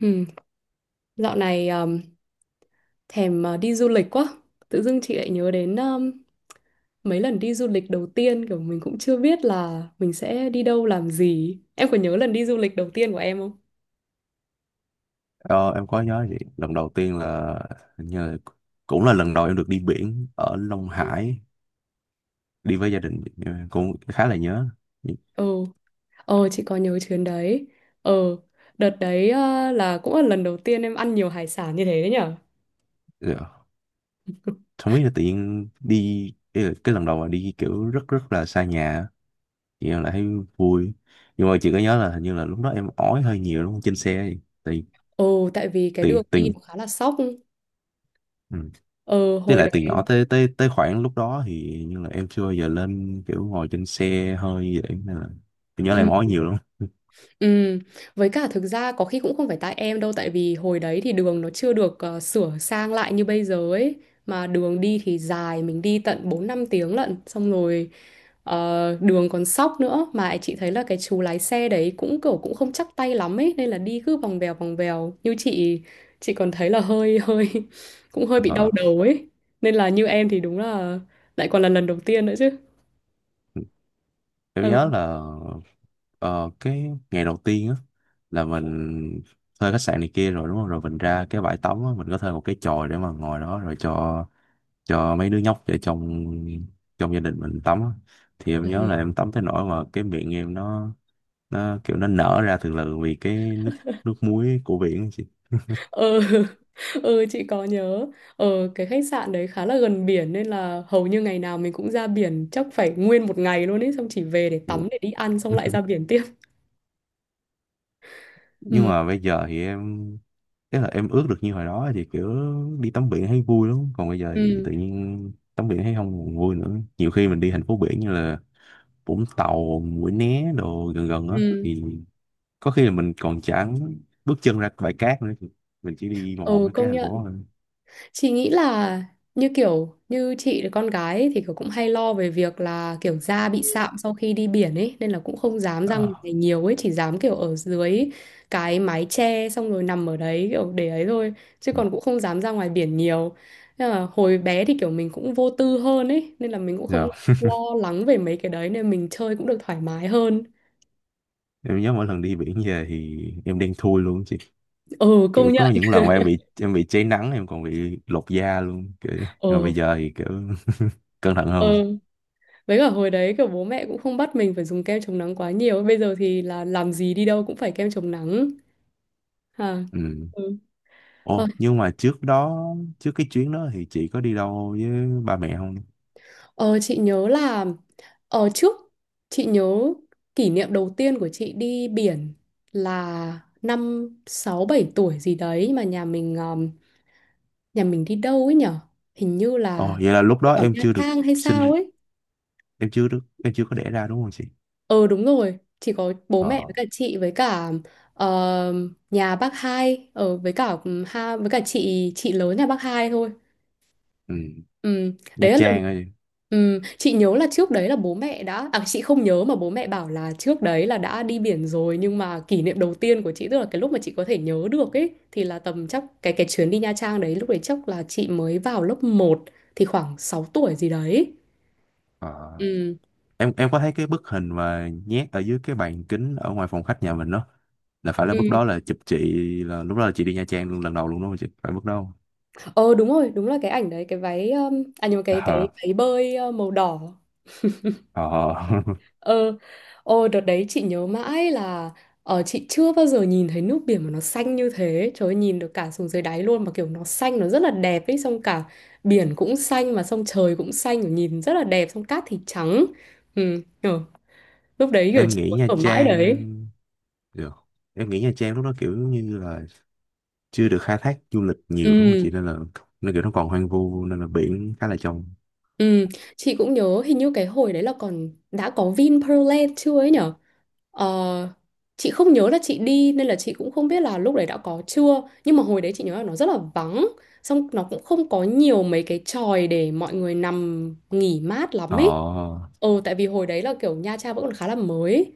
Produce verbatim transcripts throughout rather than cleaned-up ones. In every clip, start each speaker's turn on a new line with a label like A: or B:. A: Ừ, dạo này um, thèm uh, đi du lịch quá. Tự dưng chị lại nhớ đến um, mấy lần đi du lịch đầu tiên kiểu mình cũng chưa biết là mình sẽ đi đâu làm gì. Em có nhớ lần đi du lịch đầu tiên của em không?
B: Ờ, em có nhớ vậy. Lần đầu tiên là hình như là cũng là lần đầu em được đi biển ở Long
A: Ừ,
B: Hải, đi với gia đình, em cũng khá là nhớ.
A: ừ. Ờ, chị có nhớ chuyến đấy. Ờ, đợt đấy uh, là cũng là lần đầu tiên em ăn nhiều hải sản như thế đấy nhở?
B: Dạ. Không biết là tự nhiên đi, ý là cái lần đầu mà đi kiểu rất rất là xa nhà á, thì em lại thấy vui. Nhưng mà chị có nhớ là hình như là lúc đó em ói hơi nhiều đúng không, trên xe thì tại
A: Ồ, tại vì cái đường
B: tại tại
A: đi nó khá là sóc.
B: ừ.
A: Ờ,
B: Với
A: hồi
B: lại từ nhỏ
A: đấy.
B: tới tới tới khoảng lúc đó thì như là em chưa bao giờ lên kiểu ngồi trên xe hơi vậy, nên là em nhớ là em ói nhiều lắm.
A: Ừm, với cả thực ra có khi cũng không phải tại em đâu, tại vì hồi đấy thì đường nó chưa được ờ, sửa sang lại như bây giờ ấy, mà đường đi thì dài, mình đi tận bốn năm tiếng lận. Xong rồi ờ, đường còn sóc nữa, mà chị thấy là cái chú lái xe đấy cũng kiểu cũng không chắc tay lắm ấy, nên là đi cứ vòng vèo vòng vèo, như chị chị còn thấy là hơi hơi cũng hơi bị đau
B: Ờ.
A: đầu ấy, nên là như em thì đúng là lại còn là lần đầu tiên nữa chứ.
B: Em nhớ là ờ, cái ngày đầu tiên á là mình thuê khách sạn này kia rồi đúng không? Rồi mình ra cái bãi tắm á, mình có thuê một cái chòi để mà ngồi đó rồi cho cho mấy đứa nhóc ở trong trong gia đình mình tắm á. Thì em
A: Ừ.
B: nhớ là em tắm tới nỗi mà cái miệng em nó nó kiểu nó nở ra từ từ vì cái nước nước muối của biển á chị.
A: Ừ. Ừ, chị có nhớ. ờ cái khách sạn đấy khá là gần biển, nên là hầu như ngày nào mình cũng ra biển, chắc phải nguyên một ngày luôn ấy, xong chỉ về để tắm, để đi ăn, xong lại ra biển tiếp.
B: Nhưng
A: Ừ.
B: mà bây giờ thì em, tức là em ước được như hồi đó thì kiểu đi tắm biển thấy vui lắm, còn bây giờ thì
A: Ừ.
B: tự nhiên tắm biển thấy không còn vui nữa. Nhiều khi mình đi thành phố biển như là Vũng Tàu, Mũi Né đồ gần gần á
A: Ừ.
B: thì có khi là mình còn chẳng bước chân ra bãi cát nữa, mình chỉ đi vòng vòng
A: Ừ,
B: mấy cái
A: công
B: thành phố
A: nhận.
B: thôi.
A: Chị nghĩ là như kiểu như chị là con gái ấy, thì kiểu cũng hay lo về việc là kiểu da bị sạm sau khi đi biển ấy, nên là cũng không dám ra
B: Ờ.
A: ngoài nhiều ấy, chỉ dám kiểu ở dưới cái mái che xong rồi nằm ở đấy kiểu để ấy thôi, chứ
B: Ừ.
A: còn cũng không dám ra ngoài biển nhiều. Nên là hồi bé thì kiểu mình cũng vô tư hơn ấy, nên là mình cũng không
B: Rồi.
A: lo lắng về mấy cái đấy, nên mình chơi cũng được thoải mái hơn.
B: Em nhớ mỗi lần đi biển về thì em đen thui luôn chị,
A: Ừ, công
B: kiểu
A: nhận.
B: có những lần mà em bị, em bị cháy nắng, em còn bị lột da luôn kiểu, nhưng mà bây
A: Ừ.
B: giờ thì kiểu cẩn thận hơn.
A: Ừ. Với cả hồi đấy kiểu bố mẹ cũng không bắt mình phải dùng kem chống nắng quá nhiều. Bây giờ thì là làm gì đi đâu cũng phải kem chống nắng. À.
B: Ừ.
A: Ừ. Ờ,
B: Ồ, nhưng mà trước đó, trước cái chuyến đó thì chị có đi đâu với ba mẹ không?
A: ờ, chị nhớ là ở trước, chị nhớ kỷ niệm đầu tiên của chị đi biển là năm sáu bảy tuổi gì đấy, nhưng mà nhà mình um, nhà mình đi đâu ấy nhở? Hình như
B: Ồ,
A: là
B: vậy là lúc
A: đi
B: đó
A: vào
B: em
A: Nha
B: chưa được
A: Trang hay sao
B: sinh,
A: ấy.
B: em chưa được, em chưa có đẻ ra đúng không chị?
A: Ờ đúng rồi, chỉ có bố mẹ với
B: Ờ.
A: cả chị với cả ờ, nhà bác hai ở với cả ừ, ha với cả chị chị lớn nhà bác hai thôi.
B: Ừ.
A: Ừ,
B: Nha
A: đấy là lần
B: Trang ơi.
A: ừ, chị nhớ là trước đấy là bố mẹ đã à chị không nhớ, mà bố mẹ bảo là trước đấy là đã đi biển rồi, nhưng mà kỷ niệm đầu tiên của chị tức là cái lúc mà chị có thể nhớ được ấy thì là tầm chắc cái cái chuyến đi Nha Trang đấy, lúc đấy chắc là chị mới vào lớp một, thì khoảng sáu tuổi gì đấy.
B: Ờ,
A: Ừ.
B: em em có thấy cái bức hình mà nhét ở dưới cái bàn kính ở ngoài phòng khách nhà mình đó, là phải là bức đó
A: Ừ.
B: là chụp chị, là lúc đó là chị đi Nha Trang luôn lần đầu luôn đúng không chị, phải bức đó không?
A: Ờ đúng rồi, đúng là cái ảnh đấy, cái váy um, à nhưng mà cái cái váy bơi uh, màu đỏ.
B: Ờ ờ.
A: Ờ. Ờ đợt đấy chị nhớ mãi là ờ chị chưa bao giờ nhìn thấy nước biển mà nó xanh như thế. Trời ơi, nhìn được cả xuống dưới đáy luôn mà, kiểu nó xanh, nó rất là đẹp ấy, xong cả biển cũng xanh mà xong trời cũng xanh, kiểu nhìn rất là đẹp, xong cát thì trắng. Ừ, ờ, lúc đấy kiểu
B: Em
A: chị
B: nghĩ
A: muốn
B: Nha
A: ở mãi đấy.
B: Trang được, em nghĩ Nha Trang lúc đó kiểu như là chưa được khai thác du lịch nhiều đúng không
A: Ừ,
B: chị, nên là nên kiểu nó còn hoang vu nên là biển khá là trong.
A: ừ, chị cũng nhớ hình như cái hồi đấy là còn đã có Vinpearl Land chưa ấy nhở? Ờ, chị không nhớ là chị đi nên là chị cũng không biết là lúc đấy đã có chưa, nhưng mà hồi đấy chị nhớ là nó rất là vắng, xong nó cũng không có nhiều mấy cái chòi để mọi người nằm nghỉ mát lắm
B: Ờ.
A: ấy. Ờ tại vì hồi đấy là kiểu Nha Trang vẫn còn khá là mới,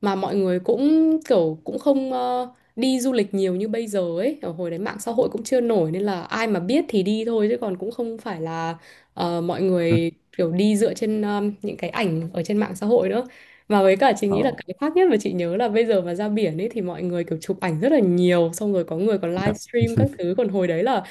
A: mà mọi người cũng kiểu cũng không ờ, đi du lịch nhiều như bây giờ ấy, ở hồi đấy mạng xã hội cũng chưa nổi nên là ai mà biết thì đi thôi, chứ còn cũng không phải là ờ, mọi người kiểu đi dựa trên um, những cái ảnh ở trên mạng xã hội nữa. Mà với cả chị
B: Ờ.
A: nghĩ là cái khác nhất mà chị nhớ là bây giờ mà ra biển ấy thì mọi người kiểu chụp ảnh rất là nhiều, xong rồi có người còn
B: Dạ,
A: livestream các thứ, còn hồi đấy là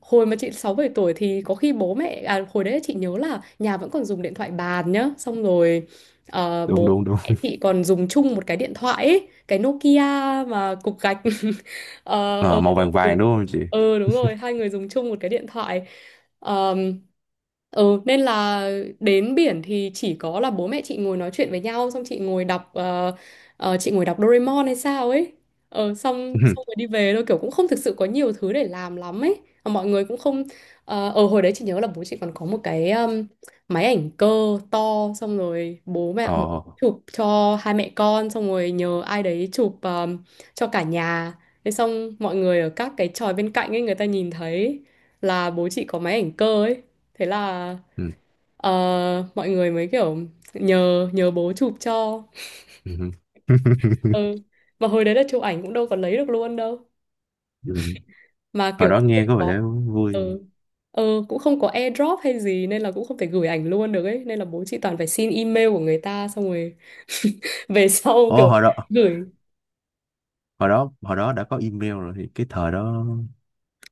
A: hồi mà chị sáu bảy tuổi thì có khi bố mẹ à hồi đấy chị nhớ là nhà vẫn còn dùng điện thoại bàn nhá. Xong rồi ờ,
B: đúng
A: bố
B: đúng đúng.
A: mẹ chị còn dùng chung một cái điện thoại ấy, cái Nokia mà cục gạch. Ờ,
B: Ờ,
A: ờ,
B: màu
A: hai
B: vàng
A: người- dùng-
B: vàng đúng không chị?
A: ờ, Đúng rồi, hai người dùng chung một cái điện thoại. Ờm, ừ, nên là đến biển thì chỉ có là bố mẹ chị ngồi nói chuyện với nhau, xong chị ngồi đọc ờ, ờ, chị ngồi đọc Doraemon hay sao ấy. Ờ, xong xong rồi đi về thôi, kiểu cũng không thực sự có nhiều thứ để làm lắm ấy. Mà mọi người cũng không ờ. Ờ, hồi đấy chị nhớ là bố chị còn có một cái um, máy ảnh cơ to, xong rồi bố
B: Ờ.
A: mẹ bố chụp cho hai mẹ con, xong rồi nhờ ai đấy chụp um, cho cả nhà. Thế xong mọi người ở các cái chòi bên cạnh ấy người ta nhìn thấy là bố chị có máy ảnh cơ ấy. Thế là
B: Ừ.
A: ờ, mọi người mới kiểu nhờ nhờ bố chụp cho.
B: Ừ.
A: Ừ. Mà hồi đấy là chụp ảnh cũng đâu có lấy được luôn đâu.
B: Ừ.
A: Mà
B: Hồi
A: kiểu
B: đó
A: cũng không
B: nghe có
A: có.
B: vẻ vui.
A: Ừ. Ừ, cũng không có airdrop hay gì nên là cũng không thể gửi ảnh luôn được ấy, nên là bố chị toàn phải xin email của người ta xong rồi về sau
B: Ồ,
A: kiểu
B: hồi đó,
A: gửi.
B: hồi đó, hồi đó đã có email rồi thì cái thời đó,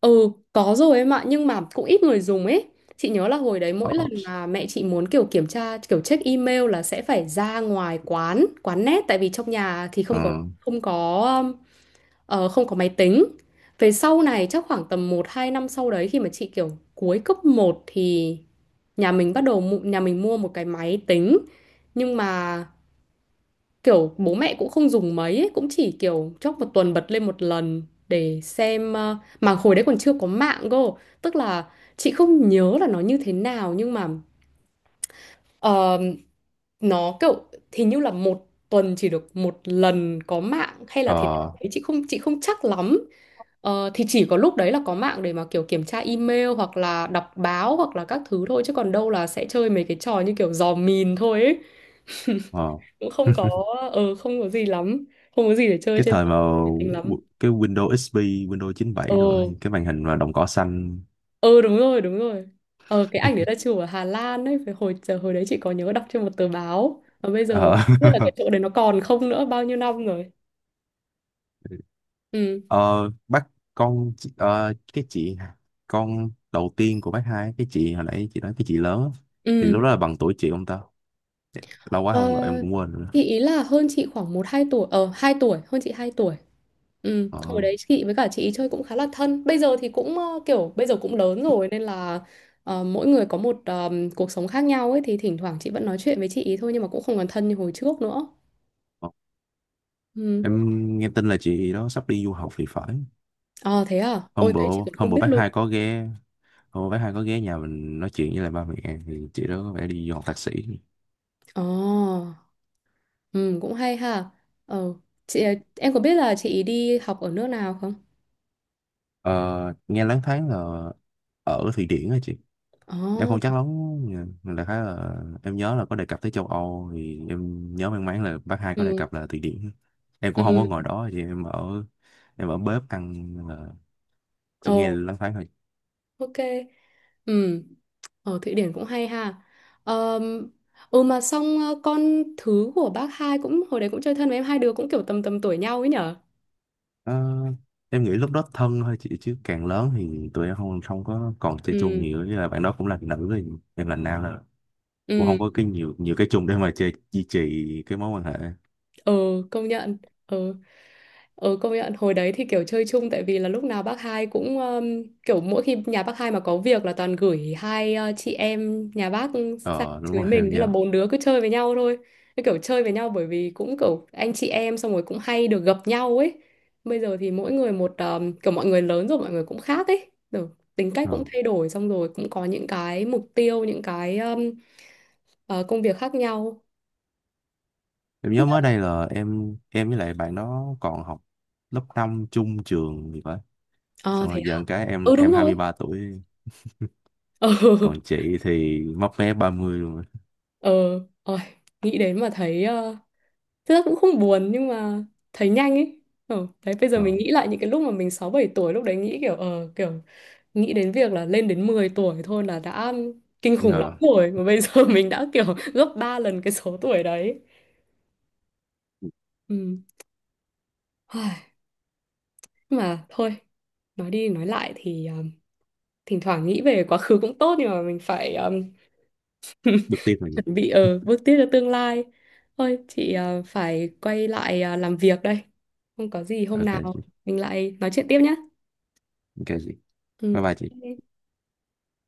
A: Ừ, có rồi em ạ, nhưng mà cũng ít người dùng ấy. Chị nhớ là hồi đấy mỗi
B: ờ,
A: lần mà mẹ chị muốn kiểu kiểm tra, kiểu check email là sẽ phải ra ngoài quán, quán net, tại vì trong nhà thì
B: ờ,
A: không có không có um, ờ, không có máy tính. Về sau này chắc khoảng tầm một hai năm sau đấy khi mà chị kiểu cuối cấp một thì nhà mình bắt đầu mu- nhà mình mua một cái máy tính. Nhưng mà kiểu bố mẹ cũng không dùng mấy ấy, cũng chỉ kiểu chốc một tuần bật lên một lần để xem ờ, mà hồi đấy còn chưa có mạng cơ, tức là chị không nhớ là nó như thế nào nhưng mà ờ, nó kiểu hình như là một tuần chỉ được một lần có mạng hay là thế nào
B: ờ,
A: đấy, chị không chị không chắc lắm. Ờ, thì chỉ có lúc đấy là có mạng để mà kiểu kiểm tra email hoặc là đọc báo hoặc là các thứ thôi, chứ còn đâu là sẽ chơi mấy cái trò như kiểu dò mìn thôi ấy.
B: ờ.
A: Cũng không có ờ không có gì lắm, không có gì để chơi
B: Cái
A: trên
B: thời mà
A: máy tính lắm.
B: w- cái Windows ích pê, Windows
A: Ờ,
B: chín bảy rồi thì cái màn hình mà đồng cỏ xanh.
A: ờ đúng rồi, đúng rồi. Ờ cái ảnh đấy là chụp ở Hà Lan ấy phải hồi giờ hồi đấy chị có nhớ đọc trên một tờ báo, và bây giờ không
B: Ờ,
A: biết là cái chỗ đấy nó còn không nữa, bao nhiêu năm rồi. Ừ.
B: ờ, bác con, chị- ờ, cái chị con đầu tiên của bác hai, cái chị hồi nãy chị nói cái chị lớn á, thì
A: Ừ.
B: lúc đó là bằng tuổi chị ông ta. Lâu quá
A: Ờ,
B: không gọi em cũng quên rồi.
A: chị ý là hơn chị khoảng một hai tuổi ờ hai tuổi hơn chị hai tuổi. Ừ, hồi
B: Ờ.
A: đấy chị với cả chị ý chơi cũng khá là thân. Bây giờ thì cũng ờ, kiểu bây giờ cũng lớn rồi nên là ờ, mỗi người có một ờ, cuộc sống khác nhau ấy, thì thỉnh thoảng chị vẫn nói chuyện với chị ý thôi nhưng mà cũng không còn thân như hồi trước nữa.
B: Ờ.
A: Ừ.
B: Em nghe tin là chị đó sắp đi du học thì phải.
A: Ờ thế à? Ôi
B: Hôm bữa,
A: thế chị còn
B: hôm
A: không
B: bữa
A: biết
B: bác
A: luôn.
B: hai có ghé, hôm bữa bác hai có ghé nhà mình nói chuyện với lại ba mẹ, thì chị đó có vẻ đi du học thạc sĩ.
A: Ờ. Ừ cũng hay ha. Ờ chị ờ, em có biết là chị ý đi học ở nước nào không?
B: Ờ, nghe loáng thoáng là ở Thụy Điển á chị. Em
A: Ờ.
B: không chắc lắm, nhưng đại khái là em nhớ là có đề cập tới châu Âu, thì em nhớ mang máng là bác hai có đề
A: Ừ.
B: cập là Thụy Điển. Em cũng không có
A: Ừ.
B: ngồi đó chị, em ở, em ở bếp ăn nên là chị nghe
A: Ồ,
B: loáng thoáng thôi.
A: ok. Ừ, ở Thụy Điển cũng hay ha. Ờm, ừ, mà xong ờ, con thứ của bác hai cũng hồi đấy cũng chơi thân với em, hai đứa cũng kiểu tầm tầm tuổi nhau ấy nhở?
B: Ờ, em nghĩ lúc đó thân thôi chị, chứ càng lớn thì tụi em không không có còn chơi chung
A: Ừ,
B: nhiều, với là bạn đó cũng là nữ thì em là nam, là cũng
A: ừ.
B: không có cái nhiều nhiều cái chung để mà chơi duy trì cái mối quan hệ.
A: Ờ công nhận. Ừ. Ừ, công nhận hồi đấy thì kiểu chơi chung tại vì là lúc nào bác hai cũng um, kiểu mỗi khi nhà bác hai mà có việc là toàn gửi hai uh, chị em nhà bác sang
B: Ờ, đúng
A: chửi
B: rồi
A: mình,
B: em
A: thế là
B: nhớ.
A: bốn đứa cứ chơi với nhau thôi, cứ kiểu chơi với nhau bởi vì cũng kiểu anh chị em, xong rồi cũng hay được gặp nhau ấy. Bây giờ thì mỗi người một um, kiểu mọi người lớn rồi, mọi người cũng khác ấy rồi, tính cách cũng
B: Ờ.
A: thay đổi, xong rồi cũng có những cái mục tiêu, những cái um, ờ, công việc khác nhau,
B: Em
A: không biết
B: nhớ mới
A: là-
B: đây là em em với lại bạn đó còn học lớp năm chung trường gì vậy,
A: Ờ
B: xong
A: thế
B: rồi giờ
A: à?
B: cái em
A: Ừ đúng
B: em hai mươi
A: rồi.
B: ba tuổi,
A: Ừ.
B: còn chị thì mấp mé ba mươi luôn rồi.
A: Ờ. Ôi, nghĩ đến mà thấy ờ, thực ra cũng không buồn nhưng mà thấy nhanh ấy. Ờ, đấy bây giờ
B: Ờ.
A: mình nghĩ lại những cái lúc mà mình sáu bảy tuổi, lúc đấy nghĩ kiểu ờ kiểu nghĩ đến việc là lên đến mười tuổi thôi là đã kinh khủng lắm
B: Ờ.
A: rồi, mà bây giờ mình đã kiểu gấp ba lần cái số tuổi đấy. Ừ. Ai, mà thôi, nói đi nói lại thì ờ, thỉnh thoảng nghĩ về quá khứ cũng tốt, nhưng mà mình phải ờ,
B: Được tiếp mình,
A: chuẩn bị ở bước tiếp cho tương lai. Thôi chị ờ, phải quay lại ờ, làm việc đây. Không có gì, hôm
B: ok chị,
A: nào mình lại nói chuyện tiếp nhé.
B: ok chị,
A: Ừ.
B: bye bye chị.
A: Ok.